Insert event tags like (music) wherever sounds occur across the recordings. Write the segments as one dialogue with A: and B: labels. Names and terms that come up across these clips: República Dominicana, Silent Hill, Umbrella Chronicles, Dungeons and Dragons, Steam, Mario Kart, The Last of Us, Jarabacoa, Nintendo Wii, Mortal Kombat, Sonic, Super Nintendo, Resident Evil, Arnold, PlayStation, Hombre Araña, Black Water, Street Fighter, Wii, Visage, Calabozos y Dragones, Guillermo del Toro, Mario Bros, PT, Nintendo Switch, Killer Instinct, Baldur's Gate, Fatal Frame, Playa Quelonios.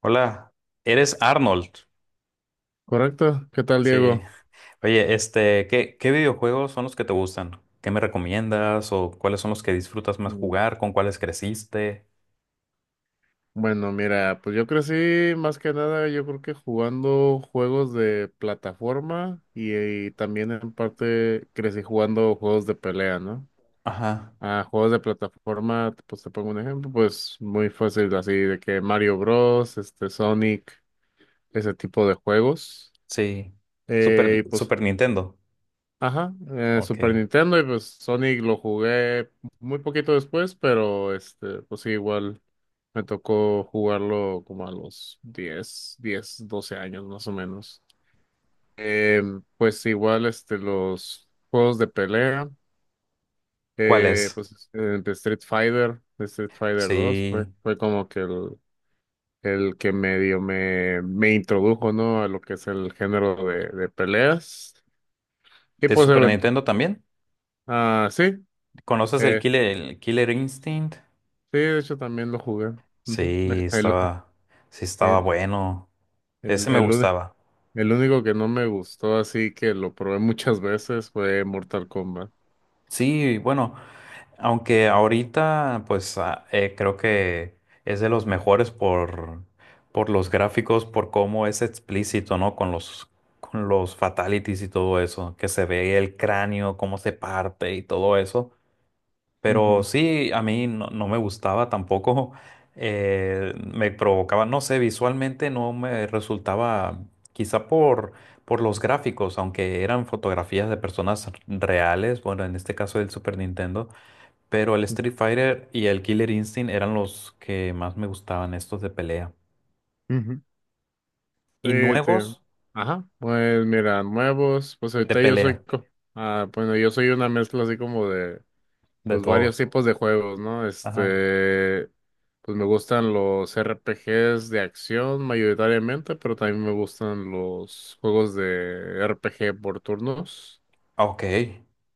A: Hola, eres Arnold.
B: Correcto. ¿Qué tal,
A: Sí.
B: Diego?
A: Oye, este, ¿Qué videojuegos son los que te gustan? ¿Qué me recomiendas? ¿O cuáles son los que disfrutas más
B: Mm,
A: jugar? ¿Con cuáles creciste?
B: Bueno, mira, pues yo crecí más que nada, yo creo que jugando juegos de plataforma y también en parte crecí jugando juegos de pelea, ¿no?
A: Ajá,
B: Ah, juegos de plataforma, pues te pongo un ejemplo, pues muy fácil, así de que Mario Bros, este, Sonic, ese tipo de juegos.
A: sí. Super,
B: Y pues
A: Super Nintendo.
B: ajá, Super
A: Ok.
B: Nintendo y pues Sonic lo jugué muy poquito después, pero este, pues sí, igual me tocó jugarlo como a los 10 10 12 años más o menos. Pues igual este, los juegos de pelea,
A: ¿Cuál es?
B: de Street Fighter 2 fue,
A: Sí.
B: fue como que el que medio me introdujo, ¿no? A lo que es el género de peleas. Y
A: ¿De
B: pues
A: Super Nintendo también?
B: ah, sí.
A: ¿Conoces el Killer Instinct?
B: Sí, de hecho también lo jugué. Ujú.
A: Sí, estaba, sí estaba
B: El,
A: bueno. Ese
B: el,
A: me
B: el uni-
A: gustaba.
B: el único que no me gustó, así que lo probé muchas veces, fue Mortal Kombat.
A: Sí, bueno. Aunque ahorita, pues creo que es de los mejores por los gráficos, por cómo es explícito, ¿no? Con los fatalities y todo eso, que se ve el cráneo, cómo se parte y todo eso. Pero
B: Ujú,
A: sí, a mí no, no me gustaba tampoco, (laughs) me provocaba, no sé, visualmente no me resultaba, quizá por los gráficos, aunque eran fotografías de personas reales, bueno, en este caso del Super Nintendo, pero el
B: ujú,
A: Street Fighter y el Killer Instinct eran los que más me gustaban, estos de pelea.
B: ujú.
A: Y
B: Sí, sí.
A: nuevos
B: Ajá. Pues mira, nuevos, pues
A: de
B: ahorita
A: pelea,
B: ah, bueno, yo soy una mezcla así como de,
A: de
B: pues
A: todo.
B: varios tipos de juegos, ¿no?
A: Ajá.
B: Este, pues me gustan los R P RPGs de acción mayoritariamente, pero también me gustan los juegos de RPG por turnos.
A: Ah, ok.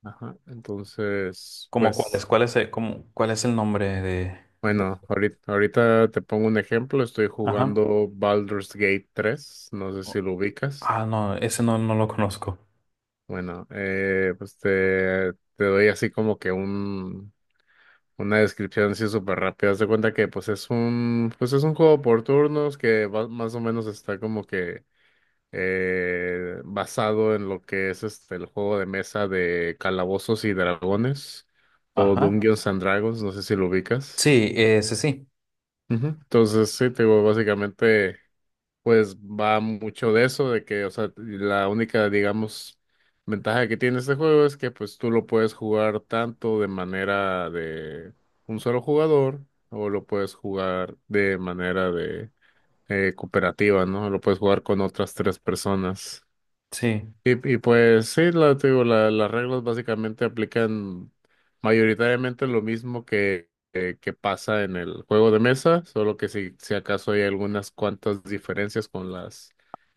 B: Ajá. Entonces,
A: ¿Cómo
B: pues,
A: cuál es el, cómo- cuál es el nombre de-
B: bueno, ahorita te pongo un ejemplo. Estoy
A: Ajá.
B: jugando Baldur's Gate 3. No sé
A: O-
B: si lo ubicas.
A: Ah, no, ese no, no lo conozco.
B: Bueno, pues te doy así como que un, una descripción así súper rápida. Haz de cuenta que pues pues es un juego por turnos más o menos está como que basado en lo que es este el juego de mesa de Calabozos y Dragones o
A: Ajá.
B: Dungeons and Dragons. No sé si lo ubicas.
A: Sí, ese sí.
B: Ujú. Entonces, sí, te digo, básicamente, pues va mucho de eso, de que, o sea, la única, digamos, ventaja que tiene este juego es que, pues, tú lo puedes jugar tanto de manera de un solo jugador, o lo puedes jugar de manera de cooperativa, ¿no? Lo puedes jugar con otras tres personas.
A: Sí.
B: Y pues sí, te digo, las reglas básicamente aplican mayoritariamente lo mismo que pasa en el juego de mesa, solo que si acaso hay algunas cuantas diferencias con las,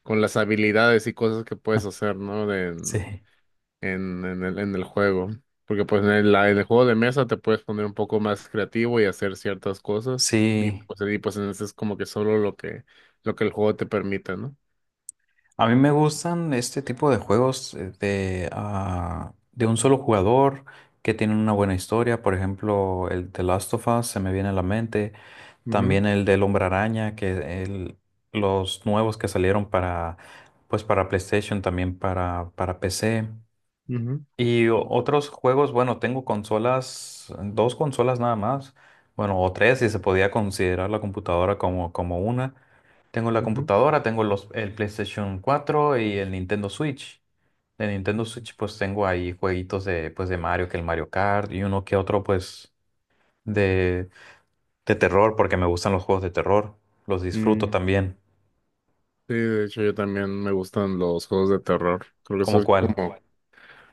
B: con las habilidades y cosas que puedes
A: (laughs)
B: hacer, ¿no?
A: Sí.
B: En, en el juego. Porque pues en el juego de mesa te puedes poner un poco más creativo y hacer ciertas cosas. Y
A: Sí.
B: pues, y pues en ese es como que solo lo que el juego te permita, ¿no?
A: A mí me gustan este tipo de juegos de un solo jugador que tienen una buena historia. Por ejemplo, el The Last of Us se me viene a la mente.
B: Ujú,
A: También el del Hombre Araña, que el- los nuevos que salieron para, pues para PlayStation, también para PC.
B: ujú,
A: Y o- otros juegos, bueno, tengo consolas, dos consolas nada más. Bueno, o tres, si se podía considerar la computadora como, como una. Tengo la
B: ujú.
A: computadora, tengo los, el PlayStation 4 y el Nintendo Switch. De Nintendo Switch pues tengo ahí jueguitos de, pues, de Mario, que el Mario Kart y uno que otro pues de, de terror, porque me gustan los juegos de terror. Los disfruto
B: Mm.
A: también.
B: Sí, de hecho yo también me gustan los juegos de terror. Creo que eso
A: ¿Cómo
B: es como,
A: cuál?
B: ¿cuál?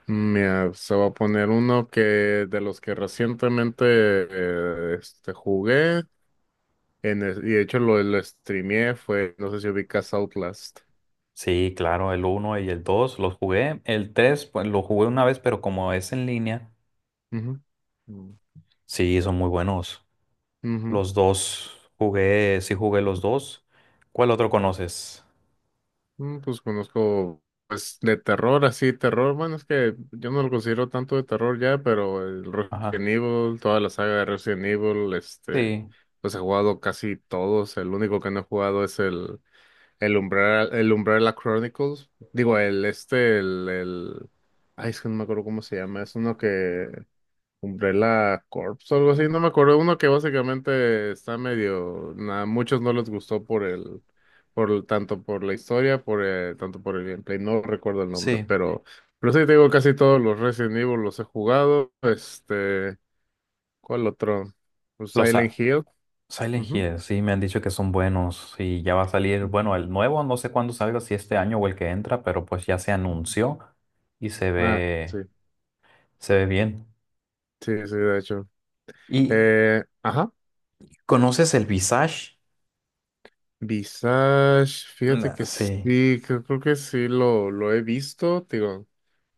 B: Mira, se va a poner uno que de los que recientemente este, jugué y de hecho lo streameé fue, no sé si ubicas Outlast.
A: Sí, claro, el uno y el 2 los jugué. El 3 pues lo jugué una vez, pero como es en línea,
B: Ujú. Mm.
A: sí, son muy buenos.
B: Ujú.
A: Los dos jugué, sí jugué los dos. ¿Cuál otro conoces?
B: Pues conozco, pues de terror, así, terror, bueno, es que yo no lo considero tanto de terror ya, pero el
A: Ajá.
B: Resident Evil, toda la saga de Resident Evil, este,
A: Sí,
B: pues he jugado casi todos, el único que no he jugado es el Umbrella, el Umbrella Chronicles. Digo, el este, el, el. Ay, es que no me acuerdo cómo se llama. Es uno que Umbrella Corps o algo así. No me acuerdo. Uno que básicamente está medio, muchos no les gustó por el, por, tanto por la historia, por tanto por el gameplay. No recuerdo el nombre.
A: sí.
B: Pero sí te digo, casi todos los Resident Evil los he jugado. Este. ¿Cuál otro? Pues
A: Los,
B: Silent
A: a-
B: Hill.
A: Silent
B: Ujú.
A: Hill, sí, me han dicho que son buenos y ya va a salir, bueno, el nuevo, no sé cuándo salga, si este año o el que entra, pero pues ya se
B: Ujú.
A: anunció y
B: Ah, sí.
A: se ve bien.
B: Sí, sí, de hecho.
A: ¿Y
B: Ajá,
A: conoces el Visage?
B: Visage, fíjate
A: Nah,
B: que
A: sí,
B: sí, creo que sí lo he visto, te digo,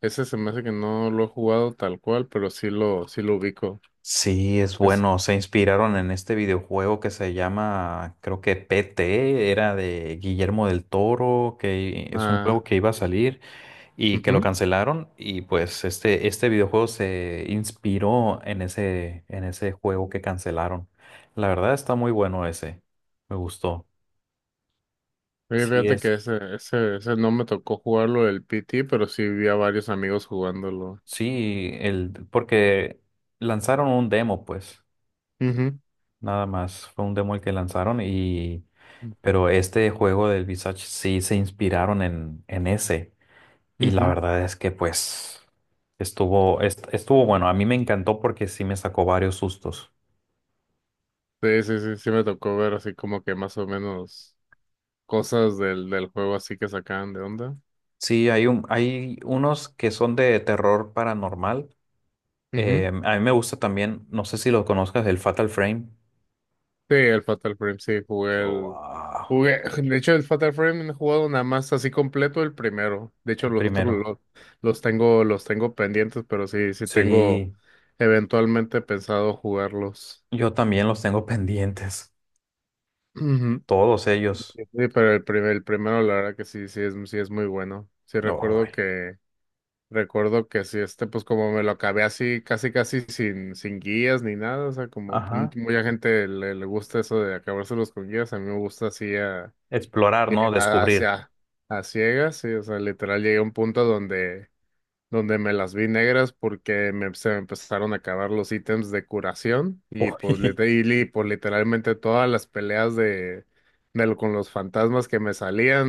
B: ese se me hace que no lo he jugado tal cual, pero sí lo ubico.
A: sí, es
B: Es,
A: bueno, se inspiraron en este videojuego que se llama, creo que PT, era de Guillermo del Toro, que es un
B: ah,
A: juego que iba a salir, y que
B: ujú.
A: lo
B: Sí,
A: cancelaron y pues este videojuego se inspiró en ese juego que cancelaron. La verdad está muy bueno ese, me gustó. Sí
B: fíjate
A: es,
B: que ese no me tocó jugarlo el PT, pero sí vi a varios amigos jugándolo.
A: sí, el, porque lanzaron un demo pues,
B: Ujú,
A: nada más, fue un demo el que lanzaron y, pero este juego del Visage sí se inspiraron en ese y la
B: ujú.
A: verdad es que pues estuvo, est- estuvo bueno, a mí me encantó porque sí me sacó varios sustos.
B: Sí, sí, sí, sí me tocó ver así como que más o menos cosas del juego así que sacaban de onda.
A: Sí, hay un, hay unos que son de terror paranormal. A mí me gusta también, no sé si lo conozcas, el Fatal Frame.
B: Sí, el Fatal Frame, sí,
A: Wow,
B: jugué, de hecho, el Fatal Frame no he jugado nada más así completo el primero. De hecho,
A: el
B: los otros
A: primero.
B: los tengo pendientes, pero sí, sí tengo
A: Sí,
B: eventualmente pensado jugarlos.
A: yo también los tengo (laughs) pendientes.
B: Ujú.
A: Todos ellos.
B: Sí, pero el primero, la verdad que sí, sí es muy bueno. Sí
A: No.
B: recuerdo que sí, este, pues como me lo acabé así, casi casi sin guías ni nada. O sea, como
A: Ajá.
B: mucha gente le gusta eso de acabárselos con guías, a mí me gusta así a
A: Explorar, ¿no?
B: A,
A: Descubrir.
B: hacia- a ciegas, sí, o sea, literal llegué a un punto donde, me las vi negras porque se me empezaron a acabar los ítems de curación y pues,
A: Uy,
B: literalmente todas las peleas con los fantasmas que me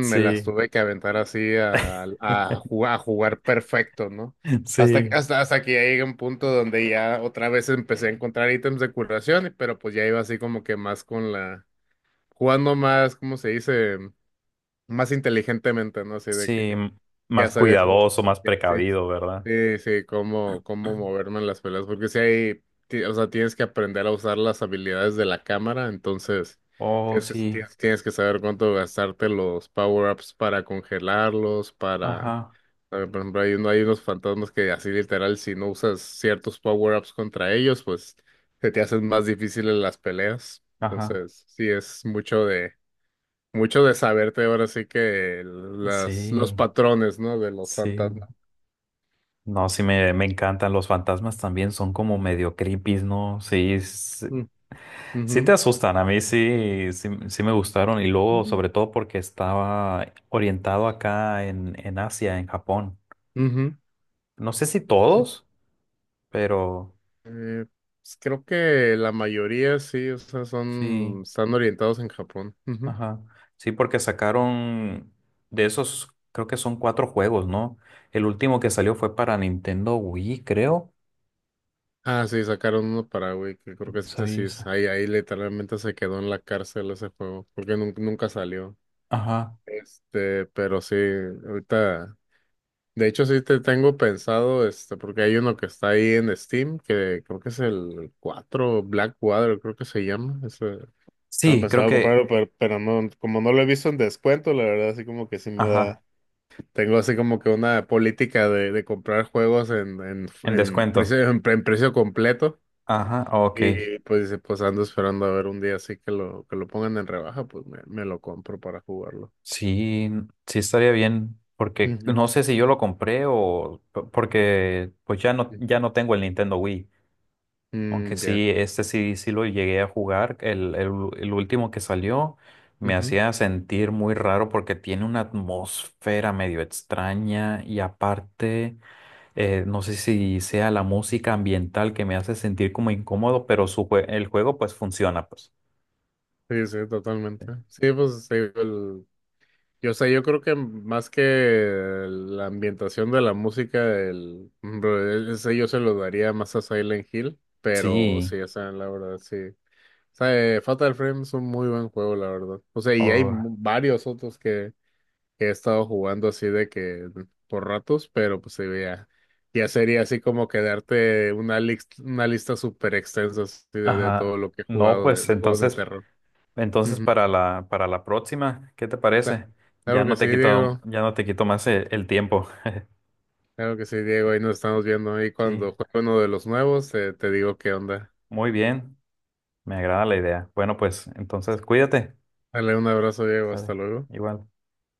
A: (laughs)
B: me las
A: sí.
B: tuve que aventar así a, a,
A: (laughs)
B: jugar, a jugar perfecto, ¿no? Hasta, que-
A: Sí.
B: hasta, hasta que ya llegué a un punto donde ya otra vez empecé a encontrar ítems de curación, pero pues ya iba así como que más con jugando más, ¿cómo se dice? Más inteligentemente, ¿no? Así
A: Sí,
B: de que
A: m-
B: ya
A: más
B: sabía cómo,
A: cuidadoso, más
B: ya, sí,
A: precavido, ¿verdad?
B: sí, sí, cómo moverme en las peleas, porque si o sea, tienes que aprender a usar las habilidades de la cámara, entonces
A: Oh,
B: tienes que,
A: sí.
B: tienes, tienes que saber cuánto gastarte los power-ups para congelarlos,
A: Ajá,
B: por ejemplo, hay unos fantasmas que así literal, si no usas ciertos power-ups contra ellos, pues se te hacen más difíciles las peleas,
A: ajá.
B: entonces sí, es mucho de saberte ahora sí que los
A: Sí,
B: patrones, ¿no? De los
A: sí.
B: fantasmas.
A: No, sí me encantan. Los fantasmas también son como medio creepy, ¿no? Sí, s-
B: Mm, ujú,
A: sí, te asustan. A mí sí, sí, sí me gustaron. Y luego,
B: mm,
A: sobre todo porque estaba orientado acá en Asia, en Japón.
B: ujú,
A: No sé si
B: sí.
A: todos, pero
B: Eh, pues creo que la mayoría sí, o sea,
A: sí,
B: son, están orientados en Japón. Ujú.
A: ajá. Sí, porque sacaron de esos, creo que son cuatro juegos, ¿no? El último que salió fue para Nintendo Wii, creo.
B: Ah, sí, sacaron uno para Wii, que creo que ese sí
A: Sí, sí.
B: ahí literalmente se quedó en la cárcel ese juego, porque nunca salió.
A: Ajá.
B: Este, pero sí, ahorita. De hecho, sí te tengo pensado, este, porque hay uno que está ahí en Steam, que creo que es el 4 Black Water, creo que se llama. Ese, no,
A: Sí, creo
B: pensaba
A: que,
B: comprarlo, pero, no, como no lo he visto en descuento, la verdad, así como que sí me
A: ajá,
B: da. Tengo así como que una política de comprar juegos en, en,
A: en
B: en
A: descuento.
B: precio, en, pre- en precio completo.
A: Ajá, ok.
B: Y pues, dice, pues ando esperando a ver un día así que lo pongan en rebaja, pues me lo compro para jugarlo.
A: Sí, sí estaría bien, porque
B: Ujú,
A: no sé si yo lo compré o p- porque pues ya no, ya
B: ujú.
A: no tengo el Nintendo Wii, aunque
B: Mm, ya.
A: sí, este sí, sí lo llegué a jugar, el u- el último que salió me hacía sentir muy raro porque tiene una atmósfera medio extraña y aparte, no sé si sea la música ambiental que me hace sentir como incómodo, pero su jue- el juego pues funciona, pues.
B: Sí, sí, totalmente. Sí, pues te digo, o sea, yo creo que más que la ambientación de la música, el, por ejemplo, ese yo se lo daría más a Silent Hill, pero
A: Sí.
B: sí, o sea, la verdad, sí. O sea, Fatal Frame es un muy buen juego, la verdad. O sea, y hay
A: Oh.
B: varios otros que he estado jugando así de que por ratos, pero pues sí, ya, sería así como quedarte una lista súper extensa así de todo
A: Ajá.
B: lo que he
A: No,
B: jugado
A: pues
B: de juegos de
A: entonces,
B: terror.
A: entonces para la próxima, ¿qué te
B: Cla-
A: parece? Ya
B: Claro que
A: no
B: sí,
A: te quito,
B: Diego.
A: ya no te quito más el tiempo.
B: Claro que sí, Diego. Ahí nos estamos viendo. Ahí
A: Sí,
B: cuando juegue uno de los nuevos, te digo qué onda.
A: muy bien. Me agrada la idea. Bueno, pues entonces cuídate.
B: Dale un abrazo, Diego.
A: Sale.
B: Hasta luego.
A: Igual.